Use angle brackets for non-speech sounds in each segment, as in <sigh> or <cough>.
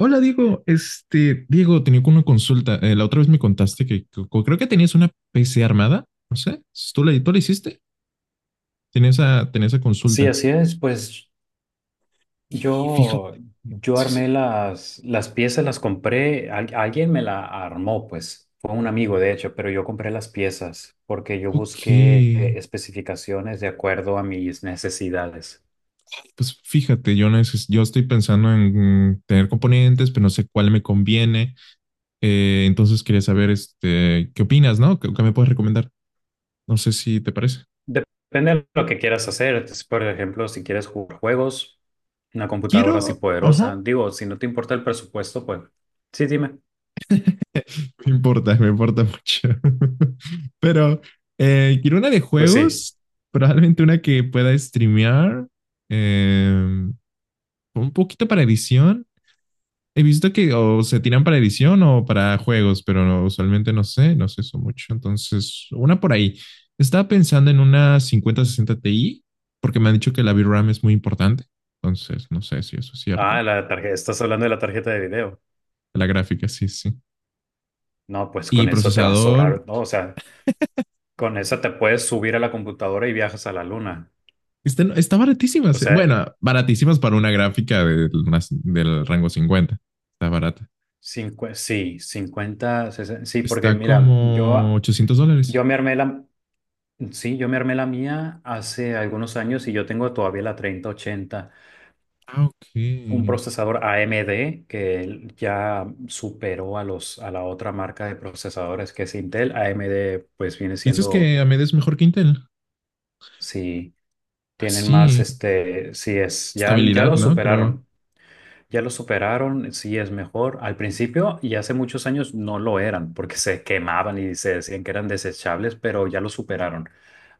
Hola Diego, tenía una consulta. La otra vez me contaste que creo que tenías una PC armada, no sé, ¿tú la hiciste? Tenía esa Sí, consulta. así es. Pues Y yo, fíjate, yo sí, sí, armé las piezas, las compré. Alguien me la armó, pues. Fue un amigo, de hecho, pero yo compré las piezas porque yo ok, busqué especificaciones de acuerdo a mis necesidades. pues fíjate, yo, yo estoy pensando en tener componentes, pero no sé cuál me conviene. Entonces quería saber, ¿qué opinas, no? ¿Qué me puedes recomendar? No sé si te parece. Depende de lo que quieras hacer. Entonces, por ejemplo, si quieres jugar juegos, una computadora así Quiero, poderosa. ajá. Digo, si no te importa el presupuesto, pues sí, dime. Me importa mucho. <laughs> Pero quiero una de Pues sí. juegos, probablemente una que pueda streamear, eh, un poquito para edición. He visto que o se tiran para edición o para juegos, pero usualmente no sé eso mucho. Entonces, una por ahí. Estaba pensando en una 5060 Ti, porque me han dicho que la VRAM es muy importante. Entonces, no sé si eso es cierto. Ah, la tarjeta, estás hablando de la tarjeta de video. La gráfica, sí, sí. No, pues Y con eso te va a procesador. sobrar, ¿no? O sea. Con esa te puedes subir a la computadora y viajas a la luna. Está baratísima. O sea, Bueno, baratísimas para una gráfica del rango 50. Está barata. 50, 60 sí, porque Está mira, como yo, 800 yo dólares. me armé la, sí, yo me armé la mía hace algunos años y yo tengo todavía la 3080, Ah, ok. un procesador AMD que ya superó a la otra marca de procesadores que es Intel. AMD pues viene ¿Piensas siendo, que AMD es mejor que Intel? sí, Ah, tienen más, sí. Sí es, ya Estabilidad, lo ¿no? Creo. superaron. Ya lo superaron, sí es mejor. Al principio y hace muchos años no lo eran porque se quemaban y se decían que eran desechables, pero ya lo superaron.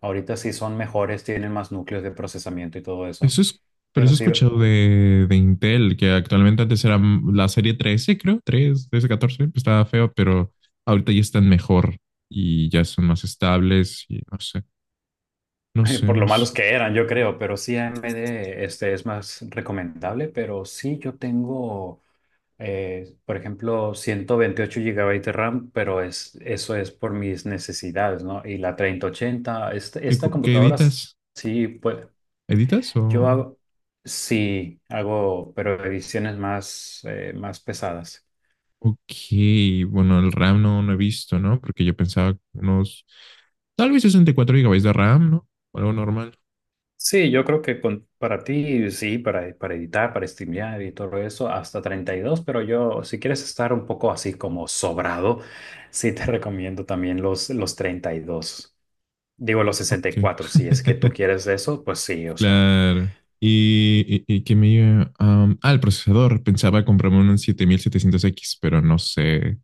Ahorita sí son mejores, tienen más núcleos de procesamiento y todo eso. Eso es, pero Pero eso he sí, escuchado de Intel, que actualmente antes era la serie 13, creo. Tres 13, 14, pues estaba feo, pero ahorita ya están mejor y ya son más estables y no sé. No <laughs> sé, por no lo malos sé. que eran, yo creo, pero sí AMD es más recomendable, pero sí yo tengo, por ejemplo, 128 gigabytes de RAM, pero es, eso es por mis necesidades, ¿no? Y la 3080 ¿Qué, esta co- qué computadora editas? sí puede. ¿Editas Yo o...? hago, sí, hago, pero ediciones más, más pesadas. Ok, bueno, el RAM no he visto, ¿no? Porque yo pensaba unos, tal vez 64 gigabytes de RAM, ¿no? Algo normal. Sí, yo creo que con, para ti, sí, para editar, para streamear y todo eso, hasta 32 pero yo, si quieres estar un poco así como sobrado, sí te <laughs> recomiendo también los 32. Digo los sesenta y Ok. cuatro si es que tú <laughs> quieres eso, pues sí, o sea. Claro. Y que me... iba- am, ah, el procesador. Pensaba comprarme un 7700X, pero no sé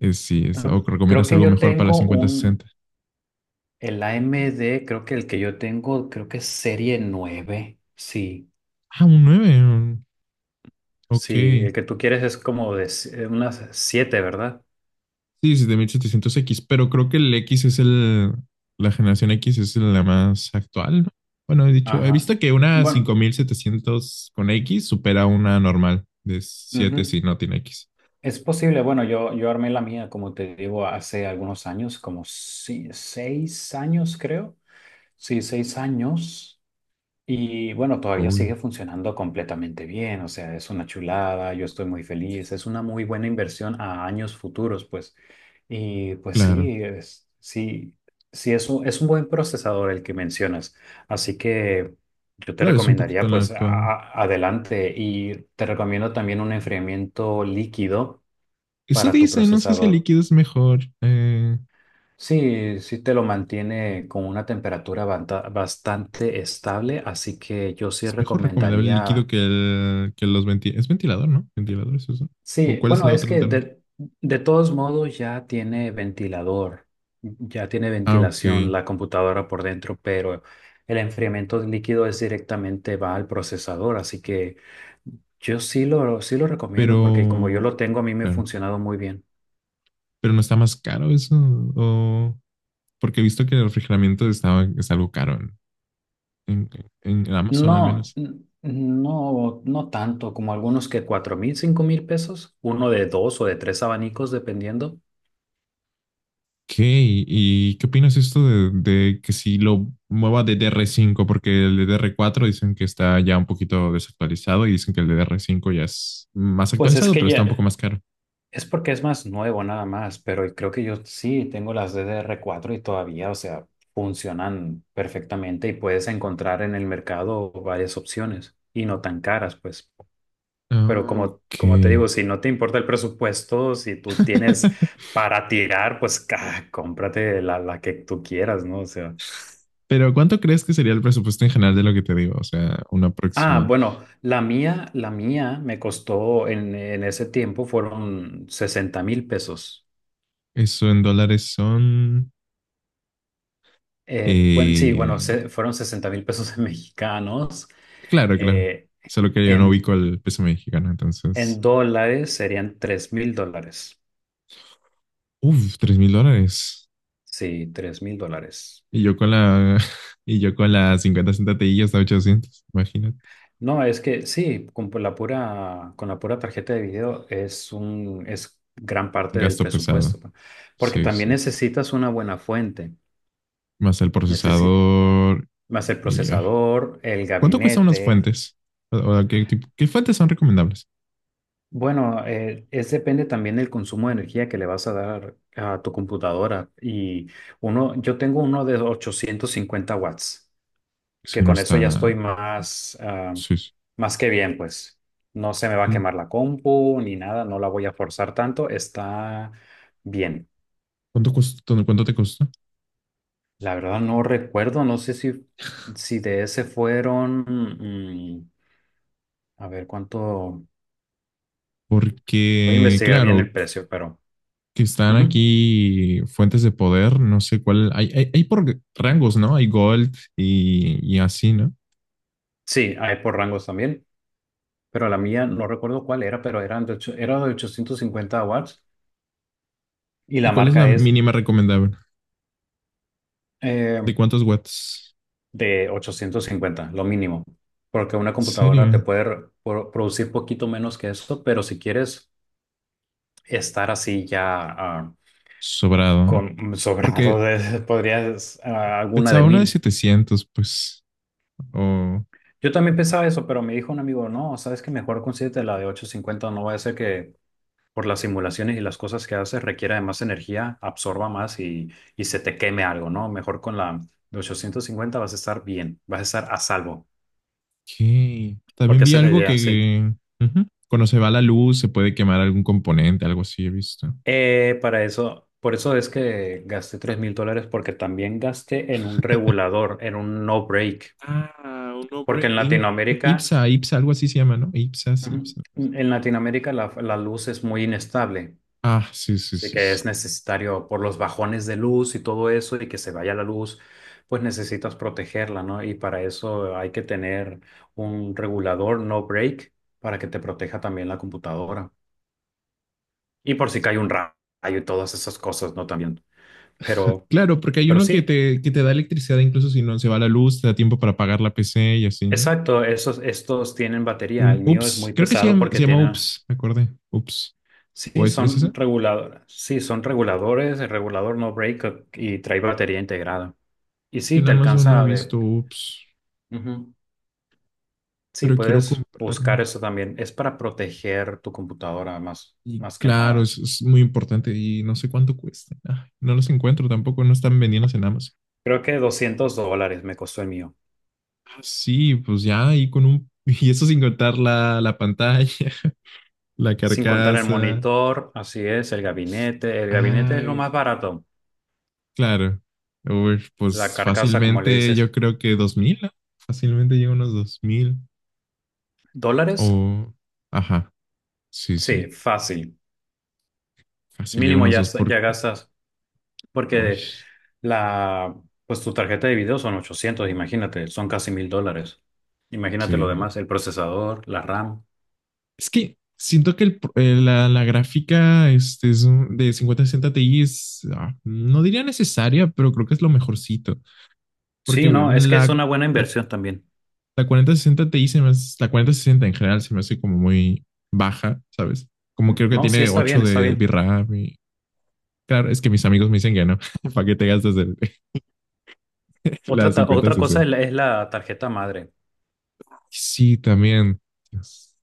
si es... ¿O Creo recomiendas que algo yo mejor para la tengo cincuenta un, sesenta? el AMD creo que el que yo tengo, creo que es serie 9 sí. Ah, un nueve. Ok. Sí, el que tú quieres es como de unas siete, ¿verdad? Sí, 7700X, pero creo que el X es el, la generación X es la más actual, ¿no? Bueno, he Ajá. visto que una Bueno, 5700X supera una normal de siete si ujú. no tiene X. Es posible. Bueno, yo armé la mía, como te digo, hace algunos años, como 6 años, creo. Sí, 6 años. Y bueno, todavía Uy, sigue funcionando completamente bien, o sea, es una chulada, yo estoy muy feliz, es una muy buena inversión a años futuros, pues. Y pues claro, sí, sí, sí es un buen procesador el que mencionas, así que yo te claro, es un recomendaría poquito la pues actual. Adelante y te recomiendo también un enfriamiento líquido Eso para tu dice, no sé si el procesador. líquido Sí, sí te lo mantiene con una temperatura bastante estable, así que yo sí es mejor recomendable el líquido recomendaría. que los ventiladores. Es ventilador, ¿no? Ventilador es eso. ¿O Sí, cuál es bueno, la es otra que alternativa? De todos modos ya tiene ventilador, ya tiene Ah, ok, ventilación la computadora por dentro, pero el enfriamiento del líquido es directamente va al procesador, así que yo sí lo recomiendo porque como yo lo pero, tengo a mí me ha claro, funcionado muy bien. pero no está más caro eso, o... Porque he visto que el refrigeramiento estaba, es algo caro en, en Amazon al No, menos. No tanto como algunos que 4,000, 5,000 pesos, uno de dos o de tres abanicos dependiendo. ¿Qué? ¿Y qué opinas esto de que si lo mueva de dr cinco? Porque el ddr cuatro dicen que está ya un poquito desactualizado y dicen que el ddr cinco ya es más Pues es actualizado, que pero está ya. un poco más caro. Es porque es más nuevo nada más, pero creo que yo sí tengo las DDR4 y todavía, o sea, funcionan perfectamente y puedes encontrar en el mercado varias opciones y no tan caras, pues. Pero Ah, como, ok. como te digo, si no te importa el presupuesto, si tú tienes <laughs> para tirar, pues <laughs> cómprate la que tú quieras, ¿no? O sea. Pero ¿cuánto crees que sería el presupuesto en general de lo que te digo? O sea, un Ah, aproximado. bueno, la mía me costó en ese tiempo fueron 60,000 pesos. Eso en dólares son, Bueno, sí, bueno, eh, fueron 60,000 pesos en <laughs> mexicanos. claro, claro. eh, Solo que yo no en, ubico el peso mexicano, entonces. en dólares serían $3,000. Uf, $3,000. Sí, $3,000. Y yo con la. <laughs> Y yo con la 50 centatillas hasta 800. Imagínate. No, es que sí, con por la pura, con la pura tarjeta de video es un, es gran Un parte del gasto pesado. presupuesto, ¿no? Porque Sí, sí. también necesitas una buena fuente. Más el Necesi- procesador. más el Ay. procesador, el ¿Cuánto cuestan unas gabinete. fuentes? O ¿qué, qué fuentes son recomendables? Bueno, es depende también del consumo de energía que le vas a dar a tu computadora. Y yo tengo uno de 850 watts, Si que no con eso ya estoy está. más, Sí, sí. más que bien, pues. No se me va a Mm. quemar la compu ni nada, no la voy a forzar tanto, está bien. ¿Cuánto te costó? La verdad no recuerdo, no sé si de ese fueron, mm, a ver cuánto, voy a Porque, investigar bien claro, el precio, pero que están ujú. aquí fuentes de poder, no sé cuál, hay por rangos, ¿no? Hay gold y así, ¿no? Sí, hay por rangos también. Pero la mía no recuerdo cuál era, pero eran era de 850 watts y ¿Y la cuál es la marca es mínima recomendable? ¿De eh, cuántos watts? de 850 lo mínimo, porque una ¿En computadora te serio? puede producir poquito menos que eso, pero si quieres estar así ya Sobrado, ¿no? con sobrado, Porque <laughs> podrías alguna de pensaba una de mil. 700 pues. Ok. Yo también pensaba eso, pero me dijo un amigo, no, sabes que mejor consíguete la de 850 no va a ser que por las simulaciones y las cosas que haces, requiere de más energía, absorba más y se te queme algo, ¿no? Mejor con la de 850 vas a estar bien, vas a estar a salvo, También porque vi esa es la algo idea, sí. que... Uh -huh. Cuando se va la luz, se puede quemar algún componente, algo así he visto. Para eso, por eso es que gasté $3,000, porque también gasté en un regulador, en un no break, Ah, un, porque obre- en y un Latinoamérica, IPSA, IPSA, algo así se llama, ¿no? IPSA, sí, ujú, IPSA. en Latinoamérica la luz es muy inestable. Ah, sí, sí, Así sí. que Sí. es necesario por los bajones de luz y todo eso y que se vaya la luz, pues necesitas protegerla, ¿no? Y para eso hay que tener un regulador no break para que te proteja también la computadora. Y por si cae un rayo y todas esas cosas, ¿no? También. Pero, Claro, porque hay pero uno que sí, te, que te da electricidad incluso si no se va la luz, te da tiempo para apagar la PC y así, ¿no? exacto, estos tienen batería. Un El mío es UPS, muy creo que se pesado llama, se porque llama tiene… UPS, me acordé, UPS. ¿O Sí, es, es son esa? reguladores. Sí, son reguladores, el regulador no break y trae batería integrada. Y Es que sí, en te Amazon no he alcanza visto de… UPS, Ujú. Sí, pero quiero puedes buscar comprarme. eso también. Es para proteger tu computadora más, Y más que claro, nada. es muy importante y no sé cuánto cuesta. Ay, no los encuentro tampoco, no están vendidos en Amazon. Creo que $200 me costó el mío. Ah, sí, pues ya ahí con un... <laughs> Y eso sin contar la pantalla, <laughs> la Sin contar el carcasa. monitor, así es, el gabinete. El gabinete es lo Ay, más barato. claro. Uy, La pues carcasa, como le fácilmente yo dices, creo que 2000, ¿no? Fácilmente llega unos 2,000 ¿dólares? o... Ajá, sí, sí. Sí, fácil. Fácil llega Mínimo unos ya, dos por... ya gastas, Uy, porque la, pues tu tarjeta de video son 800. Imagínate, son casi mil dólares. Imagínate lo sí. demás, el procesador, la RAM. Es que siento que la gráfica de 5060 Ti es... no diría necesaria, pero creo que es lo mejorcito. Porque Sí, no, es que es una buena la, inversión también. la 4060 Ti la 4060 en general se me hace como muy baja, ¿sabes? Como Mm, creo que no, sí tiene está 8 bien, está de bien. VRAM. Claro, es que mis amigos me dicen que no, <laughs> para qué te gastas <laughs> la Otra, otra cosa es 5060. Es la tarjeta madre. Sí, también. Dios.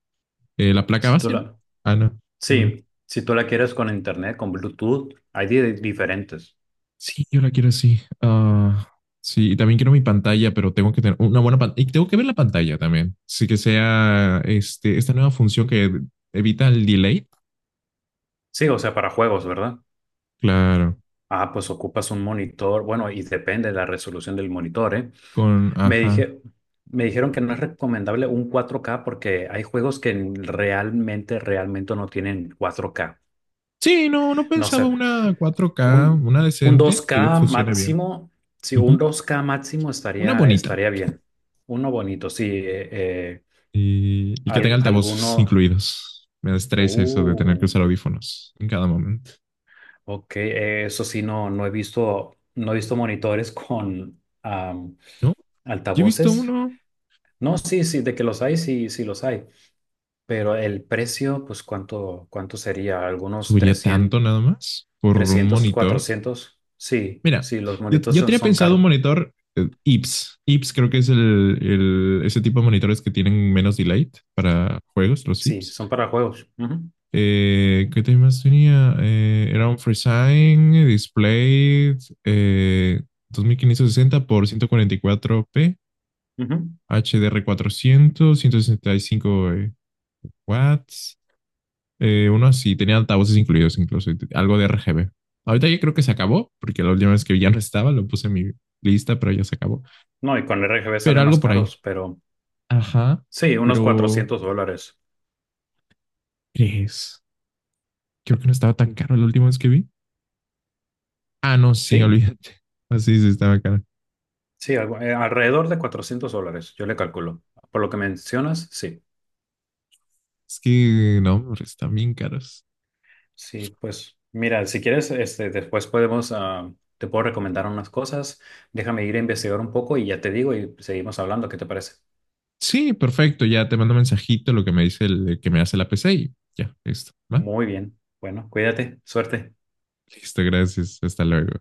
La placa Si tú base, ¿no? la, Ah, no. Bueno. sí, si tú la quieres con internet, con Bluetooth, hay diferentes. Sí, yo la quiero así. Ah, sí, y también quiero mi pantalla, pero tengo que tener una buena pantalla. Y tengo que ver la pantalla también. Sí, que sea esta nueva función que evita el delay. Sí, o sea, para juegos, ¿verdad? Claro, Ah, pues ocupas un monitor, bueno, y depende de la resolución del monitor, ¿eh? con, Me ajá. dije, me dijeron que no es recomendable un 4K porque hay juegos que realmente no tienen 4K. Sí, no, no No pensaba sé, una 4K, Un, una un dos decente que k funcione bien. máximo, sí, Ujú. un 2K máximo Una estaría, bonita. estaría bien. Uno bonito, sí. Y que tenga al- altavoces algunos, incluidos. Me estresa eso de tener que uh, usar audífonos en cada momento. ok, eso sí, no he visto, no he visto monitores con No, yo he visto altavoces. uno, No, sí, sí, de que los hay, sí, sí los hay. Pero el precio, pues, ¿cuánto sería? Algunos subiría trescientos, tanto nada más por un 300 monitor. cuatrocientos. Sí, Mira, sí, los yo, monitores yo son, tenía son pensado un caros. monitor IPS. IPS creo que es ese tipo de monitores que tienen menos delay para juegos, los Sí, IPS. son para juegos. ¿Qué tenía? Era un FreeSign Display, eh, 2560x1440 p Ujú. HDR400, 165 watts, uno así, tenía altavoces incluidos incluso, algo de RGB. Ahorita ya creo que se acabó, porque la última vez que ya no estaba, lo puse en mi lista, pero ya se acabó. No, y con RGB Pero salen más algo por ahí. caros, pero Ajá, sí, unos pero $400. ¿crees? Creo que no estaba tan caro la última vez que vi. Ah, no, sí, Sí, olvídate. Así sí sí, estaba caro. sí, alrededor de $400, yo le calculo. Por lo que mencionas, sí. Es que no, hombre, están bien caros. Sí, pues mira, si quieres, este, después podemos, te puedo recomendar unas cosas. Déjame ir a investigar un poco y ya te digo y seguimos hablando, ¿qué te parece? Sí, perfecto, ya te mando mensajito lo que me dice el que me hace la PC y ya, listo, ¿va? Muy bien. Bueno, cuídate, suerte. Listo, gracias, hasta luego.